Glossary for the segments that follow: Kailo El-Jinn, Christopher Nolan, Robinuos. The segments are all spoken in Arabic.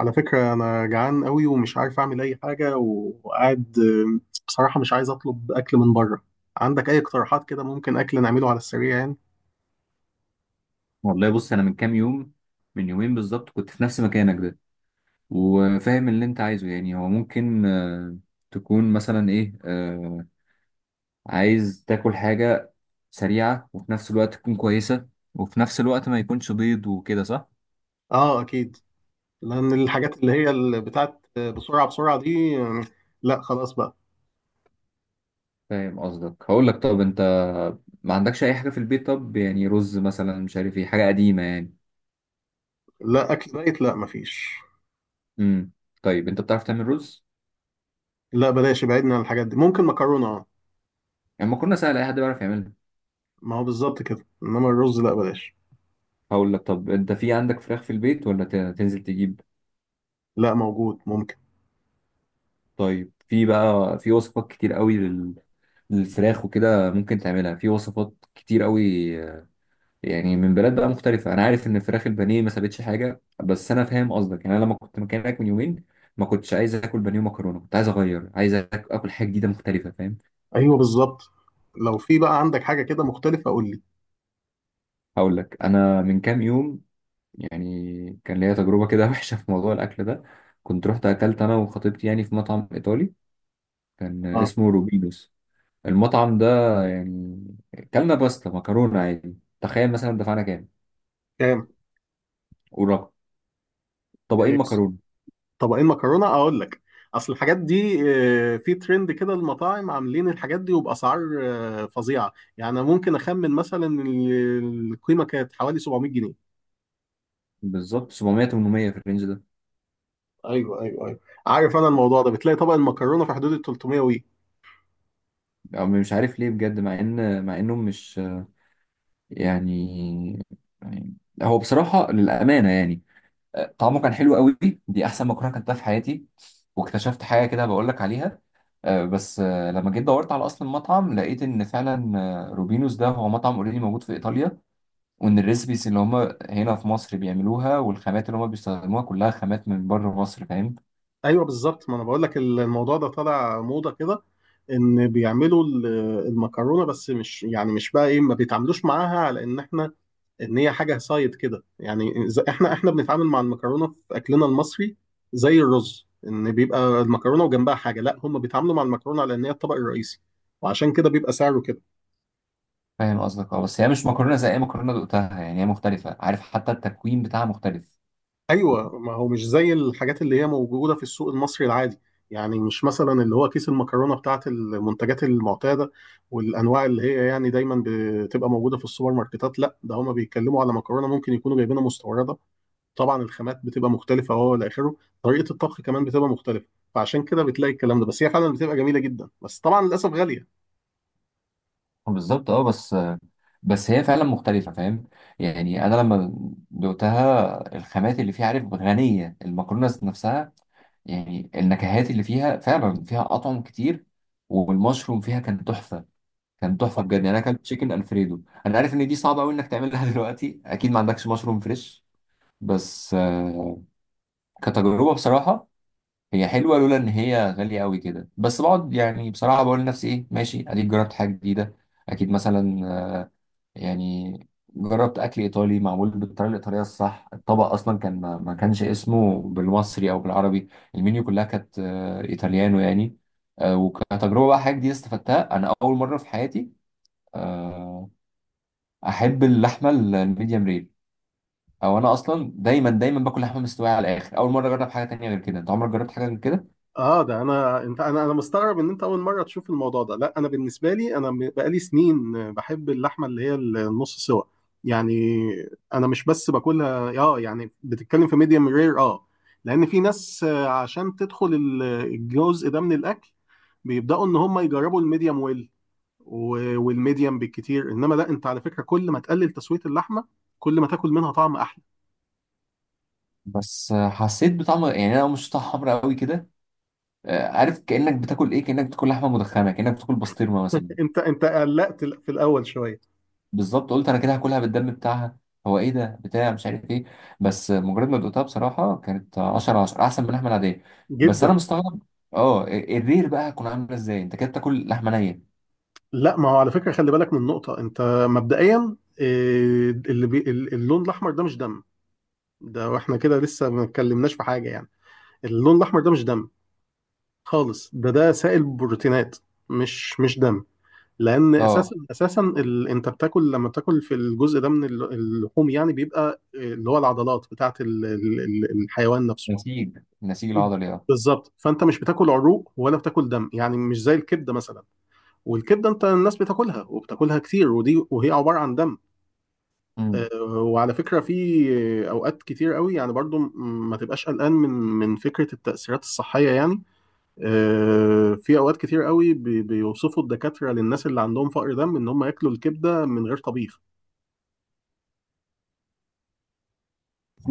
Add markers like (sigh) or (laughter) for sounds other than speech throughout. على فكرة أنا جعان قوي ومش عارف أعمل أي حاجة وقاعد بصراحة مش عايز أطلب أكل من بره. عندك أي اقتراحات كده ممكن أكل نعمله على السريع يعني؟ والله، بص، انا من كام يوم، من يومين بالظبط كنت في نفس مكانك ده وفاهم اللي انت عايزه. يعني هو ممكن تكون مثلا ايه عايز تاكل حاجة سريعة، وفي نفس الوقت تكون كويسة، وفي نفس الوقت ما يكونش بيض، وكده صح؟ آه أكيد. لأن الحاجات اللي هي اللي بتاعت بسرعة بسرعة دي. لا خلاص بقى. فاهم قصدك. هقول لك، طب انت ما عندكش اي حاجة في البيت؟ طب يعني رز مثلا، مش عارف ايه، حاجة قديمة يعني. لا اكل دايت، لا مفيش. امم طيب، انت بتعرف تعمل رز؟ لا بلاش، ابعدنا عن الحاجات دي. ممكن مكرونه، اه. يعني ما كنا سهل، اي حد بيعرف يعملها. ما هو بالظبط كده، انما الرز لا بلاش. هقول لك، طب انت في عندك فراخ في البيت، ولا تنزل تجيب؟ لا، موجود ممكن. طيب، في بقى في وصفات كتير قوي للفراخ وكده، ممكن تعملها في وصفات كتير قوي. آه، يعني من بلاد بقى مختلفة. أنا عارف إن فراخ البانيه ما سابتش حاجة، بس أنا فاهم قصدك. يعني أنا لما كنت مكانك من يومين، ما كنتش عايز آكل بانيه ومكرونة، كنت عايز أغير، عايز آكل حاجة جديدة مختلفة، فاهم. ايوه بالظبط، لو في بقى عندك حاجه كده مختلفه قول لي. هقول لك، أنا من كام يوم، يعني كان ليا تجربة كده (laughs) وحشة في موضوع الأكل ده. كنت رحت أكلت أنا وخطيبتي يعني في مطعم إيطالي، كان اه اسمه روبينوس، المطعم ده. يعني كلنا باستا مكرونة عادي. تخيل مثلا دفعنا كام كام. ورقم طبقين إيه، مكرونة؟ طبقين مكرونه اقول لك. اصل الحاجات دي في ترند كده، المطاعم عاملين الحاجات دي وباسعار فظيعه. يعني أنا ممكن اخمن مثلا القيمه كانت حوالي 700 جنيه. بالظبط 700-800 في الرينج ده. ايوه ايوه ايوه. عارف انا الموضوع ده، بتلاقي طبق المكرونه في حدود ال 300. أو مش عارف ليه بجد، مع انهم مش يعني يعني- هو بصراحة للأمانة يعني، طعمه كان حلو قوي. دي أحسن مكرونة كلتها في حياتي. واكتشفت حاجة كده بقول لك عليها. بس لما جيت دورت على أصل المطعم، لقيت إن فعلا روبينوس ده هو مطعم اوريدي موجود في إيطاليا، وان الريسبيس اللي هم هنا في مصر بيعملوها، والخامات اللي هم بيستخدموها كلها خامات من بره مصر، فاهم. ايوه بالظبط، ما انا بقول لك الموضوع ده طالع موضه كده. ان بيعملوا المكرونه، بس مش يعني مش بقى ايه ما بيتعاملوش معاها على ان احنا ان هي حاجه سايد كده يعني. احنا بنتعامل مع المكرونه في اكلنا المصري زي الرز، ان بيبقى المكرونه وجنبها حاجه. لا هم بيتعاملوا مع المكرونه على ان هي الطبق الرئيسي، وعشان كده بيبقى سعره كده. فاهم قصدك اه. بس هي مش مكرونه زي اي مكرونه دقتها، يعني هي مختلفه، عارف حتى التكوين بتاعها مختلف. ايوه. ما هو مش زي الحاجات اللي هي موجوده في السوق المصري العادي. يعني مش مثلا اللي هو كيس المكرونه بتاعت المنتجات المعتاده والانواع اللي هي يعني دايما بتبقى موجوده في السوبر ماركتات. لا، ده هما بيتكلموا على مكرونه ممكن يكونوا جايبينها مستورده. طبعا الخامات بتبقى مختلفه وهو الى اخره. طريقه الطبخ كمان بتبقى مختلفه. فعشان كده بتلاقي الكلام ده. بس هي فعلا بتبقى جميله جدا، بس طبعا للاسف غاليه. بالظبط اه، بس هي فعلا مختلفه، فاهم. يعني انا لما دقتها الخامات اللي فيها، عارف غنيه، المكرونه نفسها يعني النكهات اللي فيها فعلا، فيها اطعم كتير. والمشروم فيها كان تحفه، كان تحفه بجد. يعني صحيح. انا اكلت تشيكن الفريدو. انا عارف ان دي صعبه قوي انك تعملها (laughs) دلوقتي، اكيد ما عندكش مشروم فريش. بس كتجربه بصراحه، هي حلوه لولا ان هي غاليه قوي كده. بس بقعد يعني بصراحه بقول لنفسي، ايه ماشي، اديك جربت حاجه جديده. اكيد مثلا يعني جربت اكل ايطالي معمول بالطريقه الايطاليه الصح. الطبق اصلا كان ما كانش اسمه بالمصري او بالعربي. المنيو كلها كانت ايطاليانو يعني. وكتجربه بقى حاجه جديده استفدتها انا اول مره في حياتي. آه، احب اللحمه الميديم رير. او انا اصلا دايما دايما باكل لحمه مستويه على الاخر. اول مره اجرب حاجه تانية غير كده، انت عمرك جربت حاجه غير كده؟ اه، ده انا انت انا مستغرب ان انت اول مره تشوف الموضوع ده. لا انا بالنسبه لي، انا بقالي سنين بحب اللحمه اللي هي النص سوا. يعني انا مش بس باكلها اه، يعني بتتكلم في ميديم رير اه. لان في ناس عشان تدخل الجزء ده من الاكل، بيبداوا ان هم يجربوا الميديم ويل والميديم بالكتير. انما لا، انت على فكره كل ما تقلل تسويه اللحمه، كل ما تاكل منها طعم احلى. بس حسيت بطعم، يعني انا مش طعم حمرا قوي كده. عارف كانك بتاكل ايه؟ كانك بتاكل لحمه مدخنه، كانك بتاكل بسطرمه مثلا. انت قلقت في الاول شويه. بالظبط، قلت انا كده هاكلها بالدم بتاعها، هو ايه ده بتاع مش عارف ايه. بس مجرد ما دقتها بصراحه، كانت 10/10 احسن من اللحمه العاديه. بس جدا. انا مستغرب، اه الرير بقى هتكون عامله ازاي، انت كده بتاكل لحمه نيه. لا ما هو على فكرة، خلي بالك من نقطة. انت مبدئيا اللي اللون الاحمر ده مش دم. ده، واحنا كده لسه ما اتكلمناش في حاجة يعني، اللون الاحمر ده مش دم خالص. ده سائل بروتينات، مش دم. لان اساسا اه، اساسا انت بتاكل، لما بتاكل في الجزء ده من اللحوم يعني، بيبقى اللي هو العضلات بتاعت الحيوان نفسه. نسيج ب- العضلي. بالظبط. فانت مش بتاكل عروق ولا بتاكل دم، يعني مش زي الكبده مثلا. والكبده انت الناس بتاكلها وبتاكلها كتير، ودي وهي عباره عن دم. اه، وعلى فكرة في أوقات كتير قوي يعني برضو ما تبقاش قلقان من فكرة التأثيرات الصحية يعني. في أوقات كتير قوي بيوصفوا الدكاترة للناس اللي عندهم فقر دم إن هم ياكلوا الكبدة من غير طبيخ.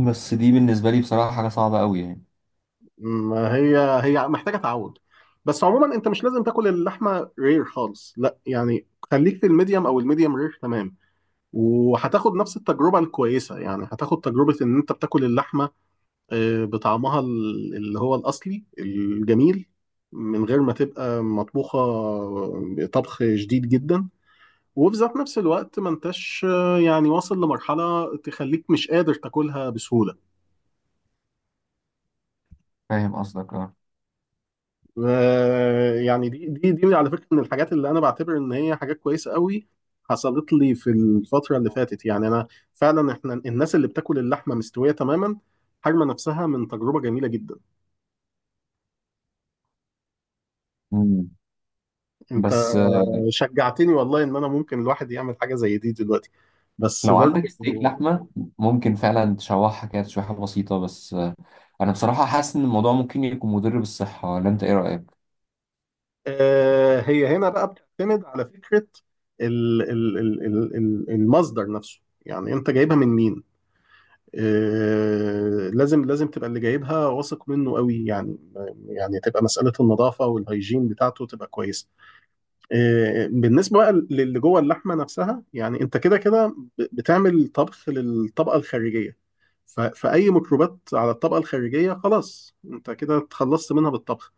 بس دي بالنسبة لي بصراحة حاجة صعبة قوي يعني. ما هي، هي محتاجة تعود. بس عموما أنت مش لازم تاكل اللحمة رير خالص، لا يعني. خليك في الميديم أو الميديم رير تمام، وهتاخد نفس التجربة الكويسة. يعني هتاخد تجربة إن أنت بتاكل اللحمة بطعمها اللي هو الأصلي الجميل، من غير ما تبقى مطبوخة طبخ شديد جدا، وفي ذات نفس الوقت ما انتش يعني واصل لمرحلة تخليك مش قادر تاكلها بسهولة. فاهم قصدك اه. يعني دي على فكرة من الحاجات اللي أنا بعتبر إن هي حاجات كويسة قوي حصلت لي في الفترة اللي فاتت. يعني أنا فعلا، إحنا الناس اللي بتاكل اللحمة مستوية تماما حارمة نفسها من تجربة جميلة جدا. مم. انت بس شجعتني والله ان انا ممكن الواحد يعمل حاجه زي دي دلوقتي. بس لو عندك برضه ستيك لحمة، ممكن فعلا تشوحها كده تشويحة بسيطة. بس أنا بصراحة حاسس إن الموضوع ممكن يكون مضر بالصحة، ولا أنت إيه رأيك؟ هي هنا بقى بتعتمد على فكره المصدر نفسه. يعني انت جايبها من مين؟ لازم لازم تبقى اللي جايبها واثق منه قوي يعني. يعني تبقى مساله النظافه والهيجين بتاعته تبقى كويسه. بالنسبة بقى للي جوه اللحمة نفسها، يعني انت كده كده بتعمل طبخ للطبقة الخارجية. فأي ميكروبات على الطبقة الخارجية خلاص انت كده اتخلصت منها بالطبخ.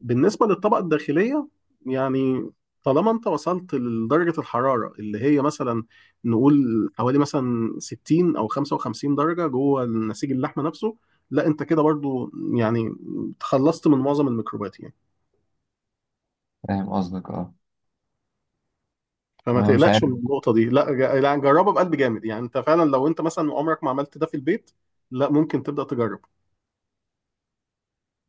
بالنسبة للطبقة الداخلية، يعني طالما انت وصلت لدرجة الحرارة اللي هي مثلا نقول حوالي مثلا 60 أو 55 درجة جوه نسيج اللحمة نفسه، لا انت كده برضو يعني تخلصت من معظم الميكروبات يعني. فاهم قصدك اه، فما أنا مش تقلقش عارف. من النقطة دي، لا جربها بقلب جامد. يعني انت فعلا لو انت مثلا عمرك ما عملت ده في البيت، لا ممكن تبدأ تجرب.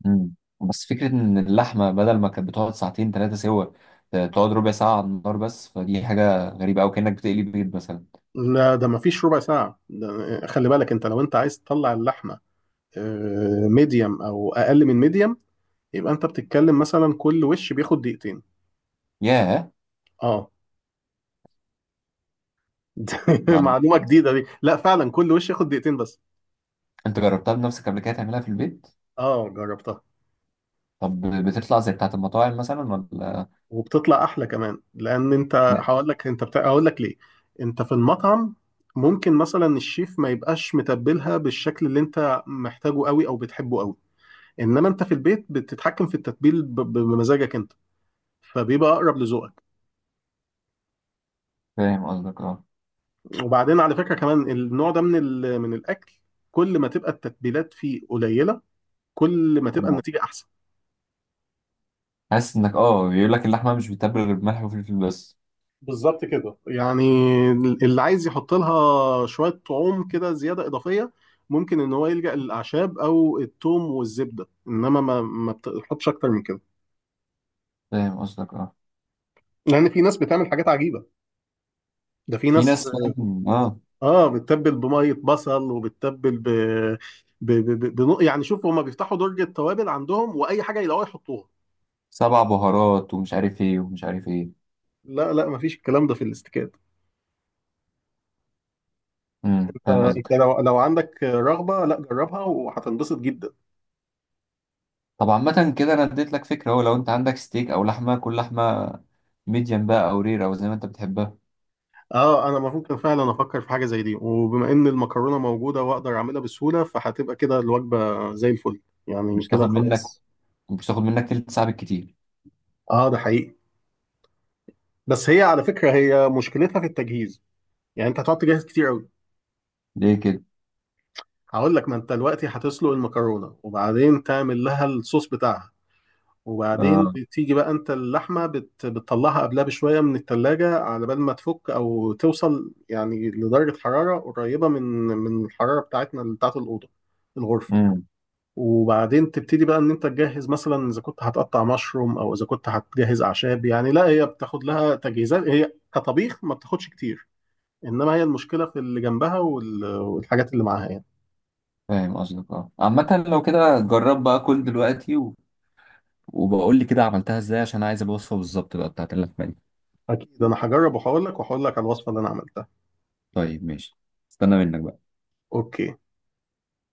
مم. بس فكرة إن اللحمة بدل ما كانت بتقعد ساعتين ثلاثة سوا، تقعد ربع ساعة على النار بس، فدي حاجة غريبة أوي، كأنك بتقلي بيض مثلا. لا ده ما فيش ربع ساعة. ده خلي بالك، انت لو انت عايز تطلع اللحمة ميديوم او اقل من ميديوم، يبقى انت بتتكلم مثلا كل وش بياخد دقيقتين. ياه. اه (laughs) ما- معلومة جديدة دي. لا فعلا كل وش ياخد دقيقتين بس. أنت جربتها بنفسك قبل كده تعملها في البيت؟ اه جربتها. طب بتطلع زي بتاعة المطاعم مثلا، ولا؟ وبتطلع احلى كمان. لان انت، هقول لك. انت بتاع هقول لك ليه. انت في المطعم ممكن مثلا الشيف ما يبقاش متبلها بالشكل اللي انت محتاجه قوي او بتحبه قوي. انما انت في البيت بتتحكم في التتبيل بمزاجك انت، فبيبقى اقرب لذوقك. فاهم قصدك اه. وبعدين على فكرة كمان، النوع ده من الاكل، كل ما تبقى التتبيلات فيه قليلة، كل ما تبقى آه. النتيجة احسن. حاسس انك بيقول لك اللحمه مش بتتبل غير بملح وفلفل بس. بالظبط كده يعني. اللي عايز يحط لها شوية طعوم كده زيادة إضافية، ممكن إن هو يلجأ للأعشاب أو الثوم والزبدة، إنما ما بتحطش أكتر من كده. فاهم قصدك اه. لأن في ناس بتعمل حاجات عجيبة. ده في في ناس ناس، فاهم اه. بتتبل بمية بصل، وبتتبل يعني شوف، هما بيفتحوا درج التوابل عندهم وأي حاجة يلاقوها يحطوها. سبع بهارات ومش عارف ايه ومش عارف ايه. لا لا، مفيش الكلام ده في الاستيكات. انت. فاهم أنت قصدك. لو عندك رغبة، لا جربها وهتنبسط جدا. طب عامه كده، انا اديت لك فكره اهو، لو انت عندك ستيك او لحمه، كل لحمه ميديم بقى او رير او زي ما انت بتحبها. اه انا ممكن فعلا افكر في حاجه زي دي، وبما ان المكرونه موجوده واقدر اعملها بسهوله فهتبقى كده الوجبه زي الفل. يعني مش كده تاخد منك خلاص. مش تاخد منك تلت ساعه بالكتير. اه ده حقيقي. بس هي على فكره هي مشكلتها في التجهيز. يعني انت هتقعد تجهز كتير قوي. ليه كده؟ هقول لك. ما انت دلوقتي هتسلق المكرونه وبعدين تعمل لها الصوص بتاعها، وبعدين اه. تيجي بقى انت اللحمه بتطلعها قبلها بشويه من التلاجة على بال ما تفك او توصل، يعني لدرجه حراره قريبه من الحراره بتاعتنا بتاعت الاوضه الغرفه. امم وبعدين تبتدي بقى ان انت تجهز، مثلا اذا كنت هتقطع مشروم او اذا كنت هتجهز اعشاب، يعني لا هي بتاخد لها تجهيزات. هي كطبيخ ما بتاخدش كتير، انما هي المشكله في اللي جنبها والحاجات اللي معاها يعني. فاهم قصدك اه. عامه لو كده، جرب بقى كل دلوقتي و... وبقول لي كده عملتها ازاي، عشان عايز الوصفه بالظبط بقى بتاعت اللحمه دي. اكيد انا هجرب، وهقول لك على الوصفه اللي انا عملتها. طيب ماشي، استنى منك بقى. اوكي.